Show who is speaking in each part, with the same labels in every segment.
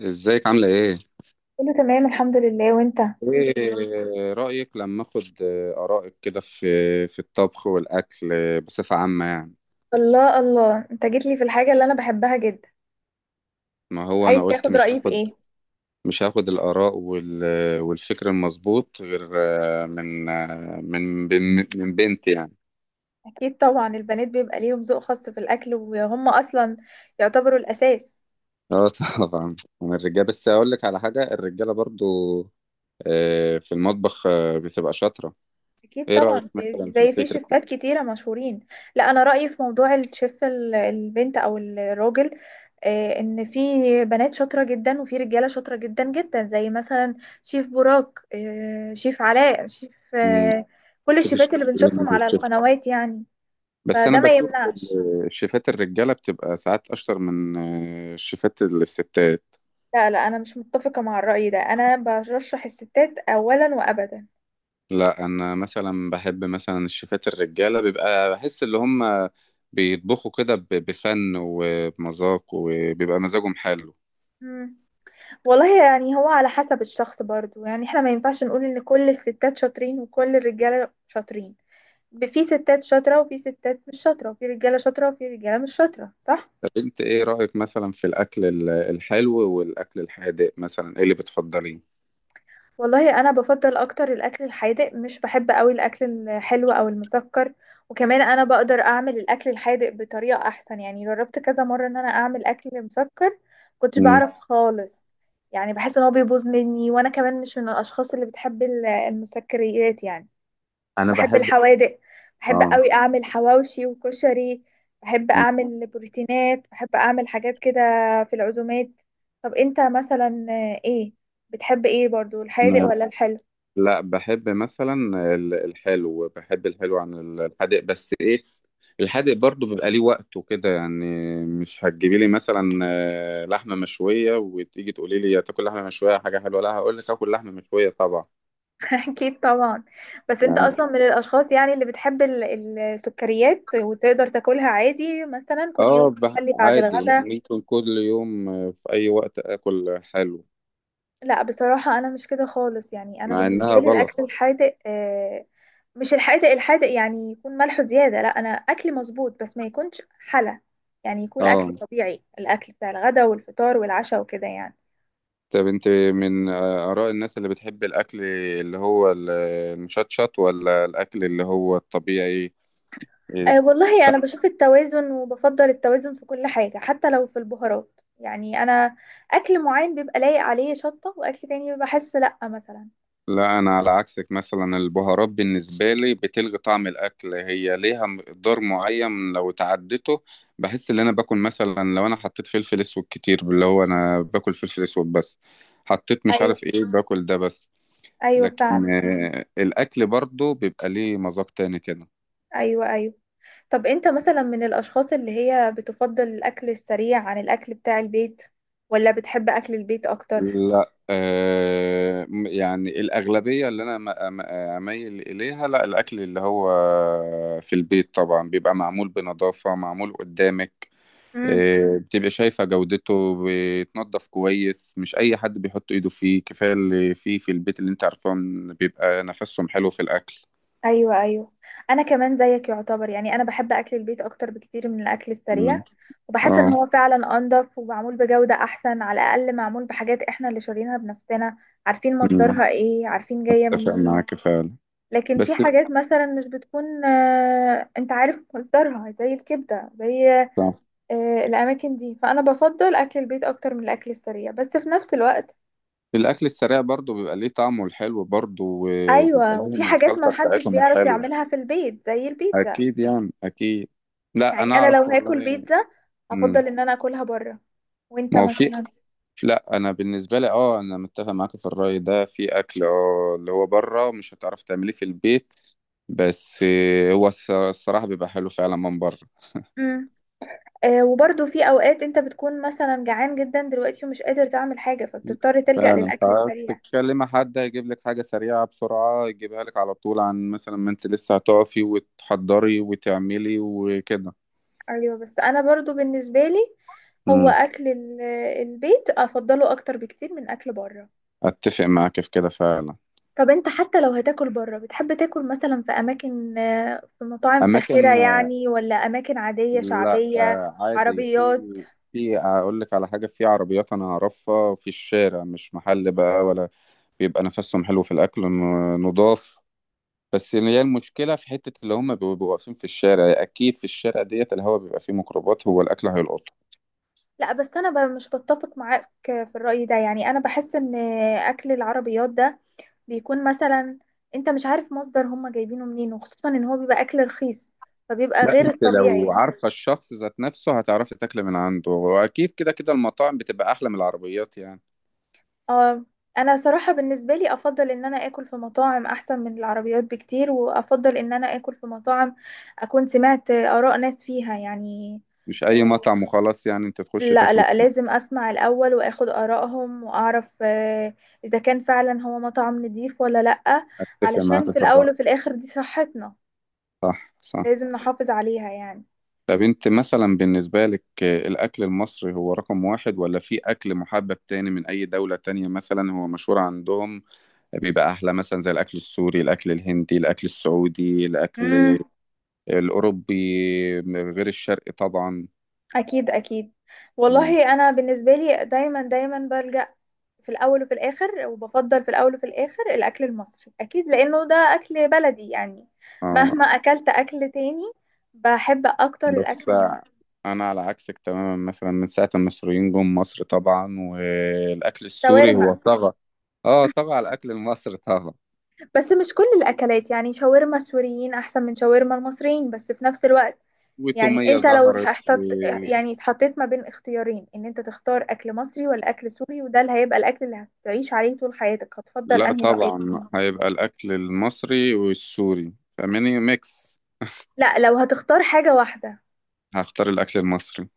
Speaker 1: ازيك عاملة ايه؟
Speaker 2: كله تمام الحمد لله وانت.
Speaker 1: ايه رأيك لما اخد آرائك كده في الطبخ والأكل بصفة عامة يعني.
Speaker 2: الله الله انت جيت لي في الحاجة اللي انا بحبها جدا.
Speaker 1: ما هو انا
Speaker 2: عايز
Speaker 1: قلت
Speaker 2: تاخد
Speaker 1: مش
Speaker 2: رأيي في
Speaker 1: هاخد
Speaker 2: ايه؟
Speaker 1: مش هاخد الآراء والفكر المظبوط، غير من من من بنت يعني.
Speaker 2: اكيد طبعا البنات بيبقى ليهم ذوق خاص في الاكل وهم اصلا يعتبروا الاساس.
Speaker 1: اه، طبعا من الرجاله، بس اقول لك على حاجة، الرجالة برضو في المطبخ بتبقى شاطرة.
Speaker 2: اكيد
Speaker 1: ايه رأيك
Speaker 2: طبعا،
Speaker 1: مثلا في
Speaker 2: زي في
Speaker 1: الفكرة دي؟
Speaker 2: شيفات كتيرة مشهورين. لا انا رأيي في موضوع الشيف البنت او الراجل، ان في بنات شاطرة جدا وفي رجالة شاطرة جدا جدا، زي مثلا شيف براك، شيف علاء، شيف،
Speaker 1: مم.
Speaker 2: كل
Speaker 1: شوفي الشيف
Speaker 2: الشيفات اللي بنشوفهم على القنوات يعني.
Speaker 1: بس انا
Speaker 2: فده ما
Speaker 1: بشوف
Speaker 2: يمنعش.
Speaker 1: الشيفات الرجاله بتبقى ساعات اشطر من الشيفات الستات.
Speaker 2: لا لا انا مش متفقة مع الرأي ده، انا برشح الستات اولا وابدا.
Speaker 1: لا انا مثلا بحب مثلا الشيفات الرجاله، بيبقى بحس اللي هم بيطبخوا كده بفن وبمذاق، وبيبقى مزاجهم حلو.
Speaker 2: مم. والله يعني هو على حسب الشخص برضو، يعني احنا ما ينفعش نقول ان كل الستات شاطرين وكل الرجالة شاطرين. في ستات شاطرة وفي ستات مش شاطرة وفي رجالة شاطرة وفي رجالة مش شاطرة، صح.
Speaker 1: طب انت ايه رايك مثلا في الاكل الحلو والاكل الحادق، مثلا ايه اللي بتفضليه؟
Speaker 2: والله انا بفضل اكتر الاكل الحادق، مش بحب قوي الاكل الحلو او المسكر. وكمان انا بقدر اعمل الاكل الحادق بطريقه احسن. يعني جربت كذا مره ان انا اعمل اكل مسكر كنتش
Speaker 1: مم.
Speaker 2: بعرف خالص. يعني بحس ان هو بيبوظ مني، وانا كمان مش من الاشخاص اللي بتحب المسكريات يعني.
Speaker 1: انا
Speaker 2: بحب
Speaker 1: بحب
Speaker 2: الحوادق. بحب
Speaker 1: اه
Speaker 2: قوي اعمل حواوشي وكشري. بحب اعمل بروتينات. بحب اعمل حاجات كده في العزومات. طب انت مثلا، ايه بتحب ايه برضو، الحادق ولا الحلو؟
Speaker 1: لا، بحب مثلا الحلو، بحب الحلو عن الحادق، بس ايه، الحادق برضو بيبقى ليه وقته كده يعني. مش هتجيبي لي مثلا لحمة مشوية وتيجي تقولي لي تاكل لحمة مشوية حاجة حلوة، لا هقول لك اكل لحمة مشوية طبعا.
Speaker 2: اكيد طبعا. بس انت
Speaker 1: يعني
Speaker 2: اصلا من الاشخاص يعني اللي بتحب السكريات، وتقدر تاكلها عادي مثلا كل يوم،
Speaker 1: اه
Speaker 2: تخلي بعد
Speaker 1: عادي
Speaker 2: الغدا.
Speaker 1: ممكن كل يوم، في اي وقت اكل حلو،
Speaker 2: لا بصراحة انا مش كده خالص. يعني انا
Speaker 1: مع
Speaker 2: بالنسبة
Speaker 1: انها
Speaker 2: لي
Speaker 1: غلط.
Speaker 2: الاكل الحادق، مش الحادق الحادق يعني يكون ملحه زيادة، لا أنا أكلي مظبوط، بس ما يكونش حلا. يعني يكون الأكل
Speaker 1: اه.
Speaker 2: طبيعي، الأكل بتاع الغداء والفطار والعشاء وكده يعني.
Speaker 1: طب انت من آراء الناس اللي بتحب الأكل، اللي هو المشطشط ولا الأكل اللي هو الطبيعي؟
Speaker 2: أه والله أنا بشوف التوازن، وبفضل التوازن في كل حاجة حتى لو في البهارات. يعني أنا أكل معين بيبقى لايق عليه شطة، وأكل تاني بحس لأ مثلا.
Speaker 1: لا انا على عكسك، مثلا البهارات بالنسبه لي بتلغي طعم الاكل، هي ليها مقدار معين لو تعدته بحس ان انا باكل مثلا، لو انا حطيت فلفل اسود كتير، اللي هو انا باكل فلفل اسود بس، حطيت مش
Speaker 2: أيوه
Speaker 1: عارف ايه باكل ده بس.
Speaker 2: أيوه فعلا.
Speaker 1: لكن الاكل برضو بيبقى ليه مذاق تاني كده.
Speaker 2: أيوه أيوه. طب أنت مثلا من الأشخاص اللي هي بتفضل الأكل السريع عن الأكل بتاع البيت، ولا بتحب أكل البيت أكتر؟
Speaker 1: لا، يعني الأغلبية اللي أنا أميل إليها، لا الأكل اللي هو في البيت طبعا بيبقى معمول بنظافة، معمول قدامك.
Speaker 2: مم.
Speaker 1: بتبقى شايفة جودته، بيتنضف كويس، مش أي حد بيحط إيده فيه، كفاية اللي فيه في البيت اللي أنت عارفان بيبقى نفسهم حلو في الأكل.
Speaker 2: ايوه ايوه. انا كمان زيك يعتبر، يعني انا بحب اكل البيت اكتر بكتير من الاكل
Speaker 1: مم.
Speaker 2: السريع. وبحس ان
Speaker 1: اه.
Speaker 2: هو فعلا انضف ومعمول بجودة احسن، على الاقل معمول بحاجات احنا اللي شارينها بنفسنا، عارفين
Speaker 1: مم.
Speaker 2: مصدرها ايه، عارفين جاية
Speaker 1: أتفق
Speaker 2: منين.
Speaker 1: معاك فعلا.
Speaker 2: لكن في
Speaker 1: بس
Speaker 2: حاجات مثلا مش بتكون، انت عارف مصدرها، زي الكبدة، زي،
Speaker 1: صح.
Speaker 2: الاماكن دي. فانا بفضل اكل البيت اكتر من الاكل السريع، بس في نفس الوقت
Speaker 1: الأكل السريع برضو بيبقى ليه طعمه الحلو برضو، وبيبقى
Speaker 2: ايوه، وفي
Speaker 1: لهم
Speaker 2: حاجات ما
Speaker 1: الخلطة
Speaker 2: محدش
Speaker 1: بتاعتهم
Speaker 2: بيعرف
Speaker 1: الحلوة.
Speaker 2: يعملها في البيت زي البيتزا.
Speaker 1: أكيد يعني أكيد. لا
Speaker 2: يعني
Speaker 1: أنا
Speaker 2: انا لو
Speaker 1: أعرف
Speaker 2: هاكل
Speaker 1: والله.
Speaker 2: بيتزا
Speaker 1: مم.
Speaker 2: هفضل ان انا اكلها بره. وانت
Speaker 1: ما هو في
Speaker 2: مثلا؟
Speaker 1: لا انا بالنسبه لي انا متفق معاك في الراي ده، في اكل اللي هو بره مش هتعرف تعمليه في البيت، بس هو الصراحة بيبقى حلو فعلا من بره.
Speaker 2: امم آه، وبرضو في اوقات انت بتكون مثلا جعان جدا دلوقتي ومش قادر تعمل حاجه، فبتضطر تلجأ
Speaker 1: فعلا،
Speaker 2: للاكل السريع.
Speaker 1: فبتتكلم مع حد هيجيب لك حاجة سريعة بسرعة، يجيبها لك على طول، عن مثلا ما انت لسه هتقفي وتحضري وتعملي وكده.
Speaker 2: ايوه بس انا برضو بالنسبه لي هو
Speaker 1: امم.
Speaker 2: اكل البيت افضله اكتر بكتير من اكل بره.
Speaker 1: اتفق معاك في كده فعلا.
Speaker 2: طب انت حتى لو هتاكل بره، بتحب تاكل مثلا في اماكن، في مطاعم فاخره
Speaker 1: اماكن
Speaker 2: يعني، ولا اماكن عاديه
Speaker 1: لا
Speaker 2: شعبيه؟
Speaker 1: عادي، في
Speaker 2: عربيات؟
Speaker 1: في اقول لك على حاجة، في عربيات انا اعرفها في الشارع، مش محل بقى ولا، بيبقى نفسهم حلو في الاكل نضاف. بس يعني هي المشكله في حته اللي هم بيبقوا واقفين في الشارع، يعني اكيد في الشارع ديت الهواء بيبقى فيه ميكروبات، هو الاكل هيلقطه.
Speaker 2: لا بس انا مش بتفق معاك في الرأي ده. يعني انا بحس ان اكل العربيات ده بيكون مثلا انت مش عارف مصدر هم جايبينه منين، وخصوصا ان هو بيبقى اكل رخيص، فبيبقى
Speaker 1: لا
Speaker 2: غير
Speaker 1: انت لو
Speaker 2: الطبيعي.
Speaker 1: عارفه الشخص ذات نفسه هتعرفي تاكلي من عنده، واكيد كده كده المطاعم بتبقى احلى من العربيات يعني.
Speaker 2: اه، انا صراحة بالنسبة لي افضل ان انا اكل في مطاعم احسن من العربيات بكتير، وافضل ان انا اكل في مطاعم اكون سمعت اراء ناس فيها يعني.
Speaker 1: مش اي
Speaker 2: آه،
Speaker 1: مطعم وخلاص، يعني انت تخش
Speaker 2: لا
Speaker 1: تاكلي
Speaker 2: لا،
Speaker 1: فيه.
Speaker 2: لازم اسمع الاول واخد ارائهم واعرف، اذا كان فعلا هو مطعم نضيف ولا لا،
Speaker 1: اتفق معاك
Speaker 2: علشان في
Speaker 1: في الرأي.
Speaker 2: الاول وفي الاخر دي صحتنا،
Speaker 1: صح، صح.
Speaker 2: لازم نحافظ عليها يعني.
Speaker 1: طب انت مثلا بالنسبه لك الاكل المصري هو رقم واحد، ولا في اكل محبب تاني من اي دوله تانية مثلا هو مشهور عندهم بيبقى احلى، مثلا زي الاكل السوري، الاكل الهندي، الاكل السعودي، الاكل
Speaker 2: امم
Speaker 1: الأوروبي، غير الشرقي طبعا.
Speaker 2: اكيد اكيد.
Speaker 1: مم.
Speaker 2: والله انا بالنسبه لي دايما دايما بلجأ في الاول وفي الاخر، وبفضل في الاول وفي الاخر الاكل المصري، اكيد لانه ده اكل بلدي يعني.
Speaker 1: آه.
Speaker 2: مهما اكلت اكل تاني بحب اكتر
Speaker 1: بس
Speaker 2: الاكل المصري.
Speaker 1: أنا على عكسك تماما، مثلا من ساعة ما المصريين جم مصر طبعا، والأكل السوري هو
Speaker 2: شاورما،
Speaker 1: طغى. اه، طغى على الأكل المصري، طغى.
Speaker 2: بس مش كل الاكلات. يعني شاورما السوريين احسن من شاورما المصريين، بس في نفس الوقت يعني
Speaker 1: وتومية
Speaker 2: انت لو
Speaker 1: ظهرت
Speaker 2: احتط، يعني اتحطيت ما بين اختيارين ان انت تختار اكل مصري ولا اكل سوري، وده اللي هيبقى الاكل اللي هتعيش عليه طول حياتك، هتفضل
Speaker 1: لا
Speaker 2: انهي رأيك؟
Speaker 1: طبعا هيبقى الأكل المصري والسوري، فمني ميكس.
Speaker 2: لا لو هتختار حاجة واحدة.
Speaker 1: هختار الأكل المصري.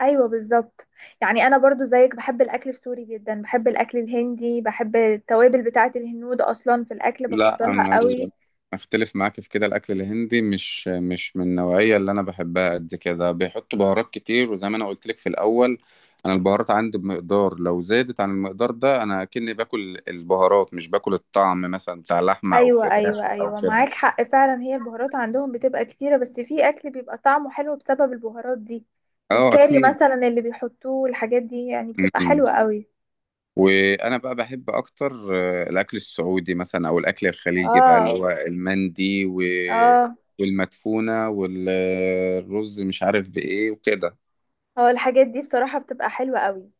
Speaker 2: ايوه بالظبط. يعني انا برضو زيك بحب الاكل السوري جدا، بحب الاكل الهندي، بحب التوابل بتاعه الهنود اصلا في الاكل
Speaker 1: لا
Speaker 2: بفضلها
Speaker 1: انا
Speaker 2: قوي.
Speaker 1: اختلف معاك في كده، الاكل الهندي مش من النوعيه اللي انا بحبها قد كده، بيحطوا بهارات كتير، وزي ما انا قلت لك في الاول، انا البهارات عندي بمقدار لو زادت عن المقدار ده انا اكني باكل البهارات مش باكل الطعم مثلا بتاع لحمه او
Speaker 2: ايوه
Speaker 1: فراخ
Speaker 2: ايوه
Speaker 1: او
Speaker 2: ايوه،
Speaker 1: كده.
Speaker 2: معاك حق فعلا، هي البهارات عندهم بتبقى كتيره، بس في اكل بيبقى طعمه حلو بسبب البهارات دي.
Speaker 1: اه،
Speaker 2: الكاري
Speaker 1: اكيد.
Speaker 2: مثلا اللي بيحطوه، الحاجات دي يعني بتبقى
Speaker 1: م-م.
Speaker 2: حلوه قوي.
Speaker 1: وانا بقى بحب اكتر الاكل السعودي مثلا، او الاكل الخليجي بقى، اللي
Speaker 2: اه
Speaker 1: هو المندي
Speaker 2: اه
Speaker 1: والمدفونه والرز مش عارف بايه وكده.
Speaker 2: اه، الحاجات دي بصراحه بتبقى حلوه قوي.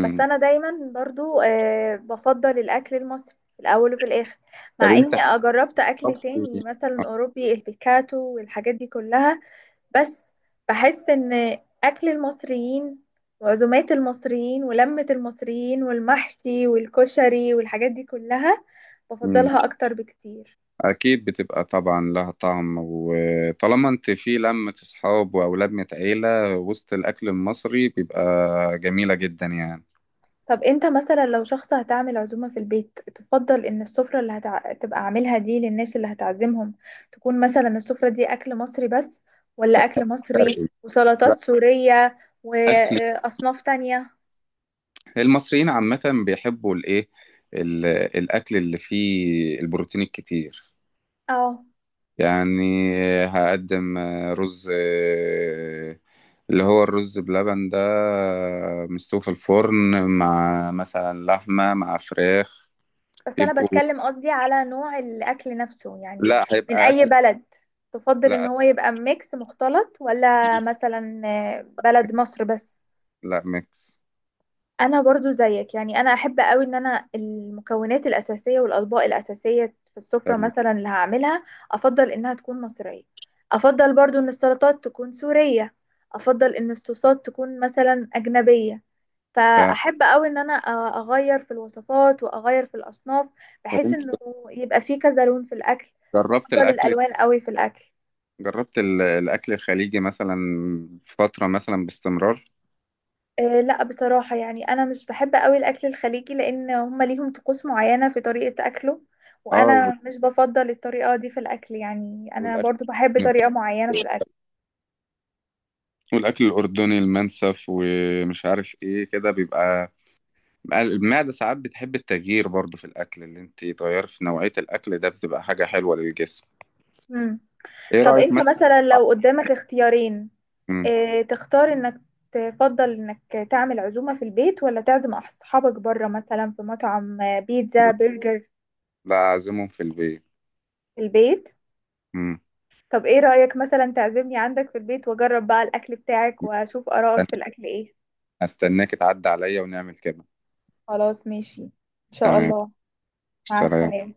Speaker 2: بس انا دايما برضو آه بفضل الاكل المصري في الاول وفي الاخر،
Speaker 1: طب
Speaker 2: مع اني
Speaker 1: انت
Speaker 2: جربت اكل
Speaker 1: طبخ-
Speaker 2: تاني مثلا اوروبي، البيكاتو والحاجات دي كلها. بس بحس ان اكل المصريين وعزومات المصريين ولمة المصريين والمحشي والكشري والحاجات دي كلها
Speaker 1: مم.
Speaker 2: بفضلها اكتر بكتير.
Speaker 1: اكيد بتبقى طبعا لها طعم، وطالما انت في لمة اصحاب واولاد من عيلة، وسط الاكل المصري بيبقى جميلة جدا يعني.
Speaker 2: طب انت مثلا لو شخص هتعمل عزومة في البيت، تفضل ان السفرة اللي هتع... تبقى عاملها دي للناس اللي هتعزمهم، تكون مثلا السفرة دي اكل مصري بس، ولا اكل مصري
Speaker 1: شرقي. لا،
Speaker 2: وسلطات سورية
Speaker 1: اكل
Speaker 2: واصناف تانية؟
Speaker 1: المصريين عامة بيحبوا الايه، الاكل اللي فيه البروتين الكتير
Speaker 2: اه
Speaker 1: يعني، هقدم رز، اللي هو الرز بلبن ده، مستوي في الفرن، مع مثلا لحمة مع فراخ.
Speaker 2: بس انا
Speaker 1: يبقوا
Speaker 2: بتكلم قصدي على نوع الاكل نفسه، يعني
Speaker 1: لا
Speaker 2: من
Speaker 1: هيبقى
Speaker 2: اي
Speaker 1: اكل.
Speaker 2: بلد، تفضل ان
Speaker 1: لا
Speaker 2: هو يبقى ميكس مختلط ولا
Speaker 1: مش
Speaker 2: مثلا، بلد
Speaker 1: ميكس،
Speaker 2: مصر بس؟
Speaker 1: لا ميكس.
Speaker 2: انا برضو زيك، يعني انا احب قوي ان انا المكونات الاساسيه والاطباق الاساسيه في السفره
Speaker 1: حلو.
Speaker 2: مثلا اللي هعملها، افضل انها تكون مصريه، افضل برضو ان السلطات تكون سوريه، افضل ان الصوصات تكون مثلا اجنبيه.
Speaker 1: ف-
Speaker 2: فاحب قوي ان انا اغير في الوصفات واغير في الاصناف،
Speaker 1: طب
Speaker 2: بحيث
Speaker 1: انت
Speaker 2: انه يبقى في كذا لون في الاكل.
Speaker 1: جربت
Speaker 2: بفضل
Speaker 1: الاكل
Speaker 2: الالوان قوي في الاكل.
Speaker 1: جربت ال- الاكل الخليجي مثلا فتره مثلا باستمرار؟
Speaker 2: أه لا بصراحة، يعني انا مش بحب قوي الاكل الخليجي، لان هم ليهم طقوس معينة في طريقة اكله،
Speaker 1: اه،
Speaker 2: وانا مش بفضل الطريقة دي في الاكل. يعني انا
Speaker 1: والاكل
Speaker 2: برضو بحب طريقة معينة في الاكل.
Speaker 1: والاكل الاردني، المنسف ومش عارف ايه كده، بيبقى المعده ساعات بتحب التغيير برضو في الاكل، اللي انت تغير في نوعيه الاكل ده بتبقى حاجه حلوه للجسم.
Speaker 2: مم.
Speaker 1: ايه
Speaker 2: طب
Speaker 1: رايك
Speaker 2: انت
Speaker 1: مثلا.
Speaker 2: مثلا لو قدامك اختيارين،
Speaker 1: مم.
Speaker 2: اه تختار انك تفضل انك تعمل عزومة في البيت، ولا تعزم اصحابك بره مثلا في مطعم، بيتزا برجر؟
Speaker 1: لا اعزمهم في البيت.
Speaker 2: في البيت.
Speaker 1: مم.
Speaker 2: طب ايه رأيك مثلا تعزمني عندك في البيت، واجرب بقى الاكل بتاعك واشوف آرائك في الاكل ايه؟
Speaker 1: استناك تعدي عليا ونعمل كده.
Speaker 2: خلاص ماشي، ان شاء
Speaker 1: تمام.
Speaker 2: الله. مع
Speaker 1: سلام.
Speaker 2: السلامة.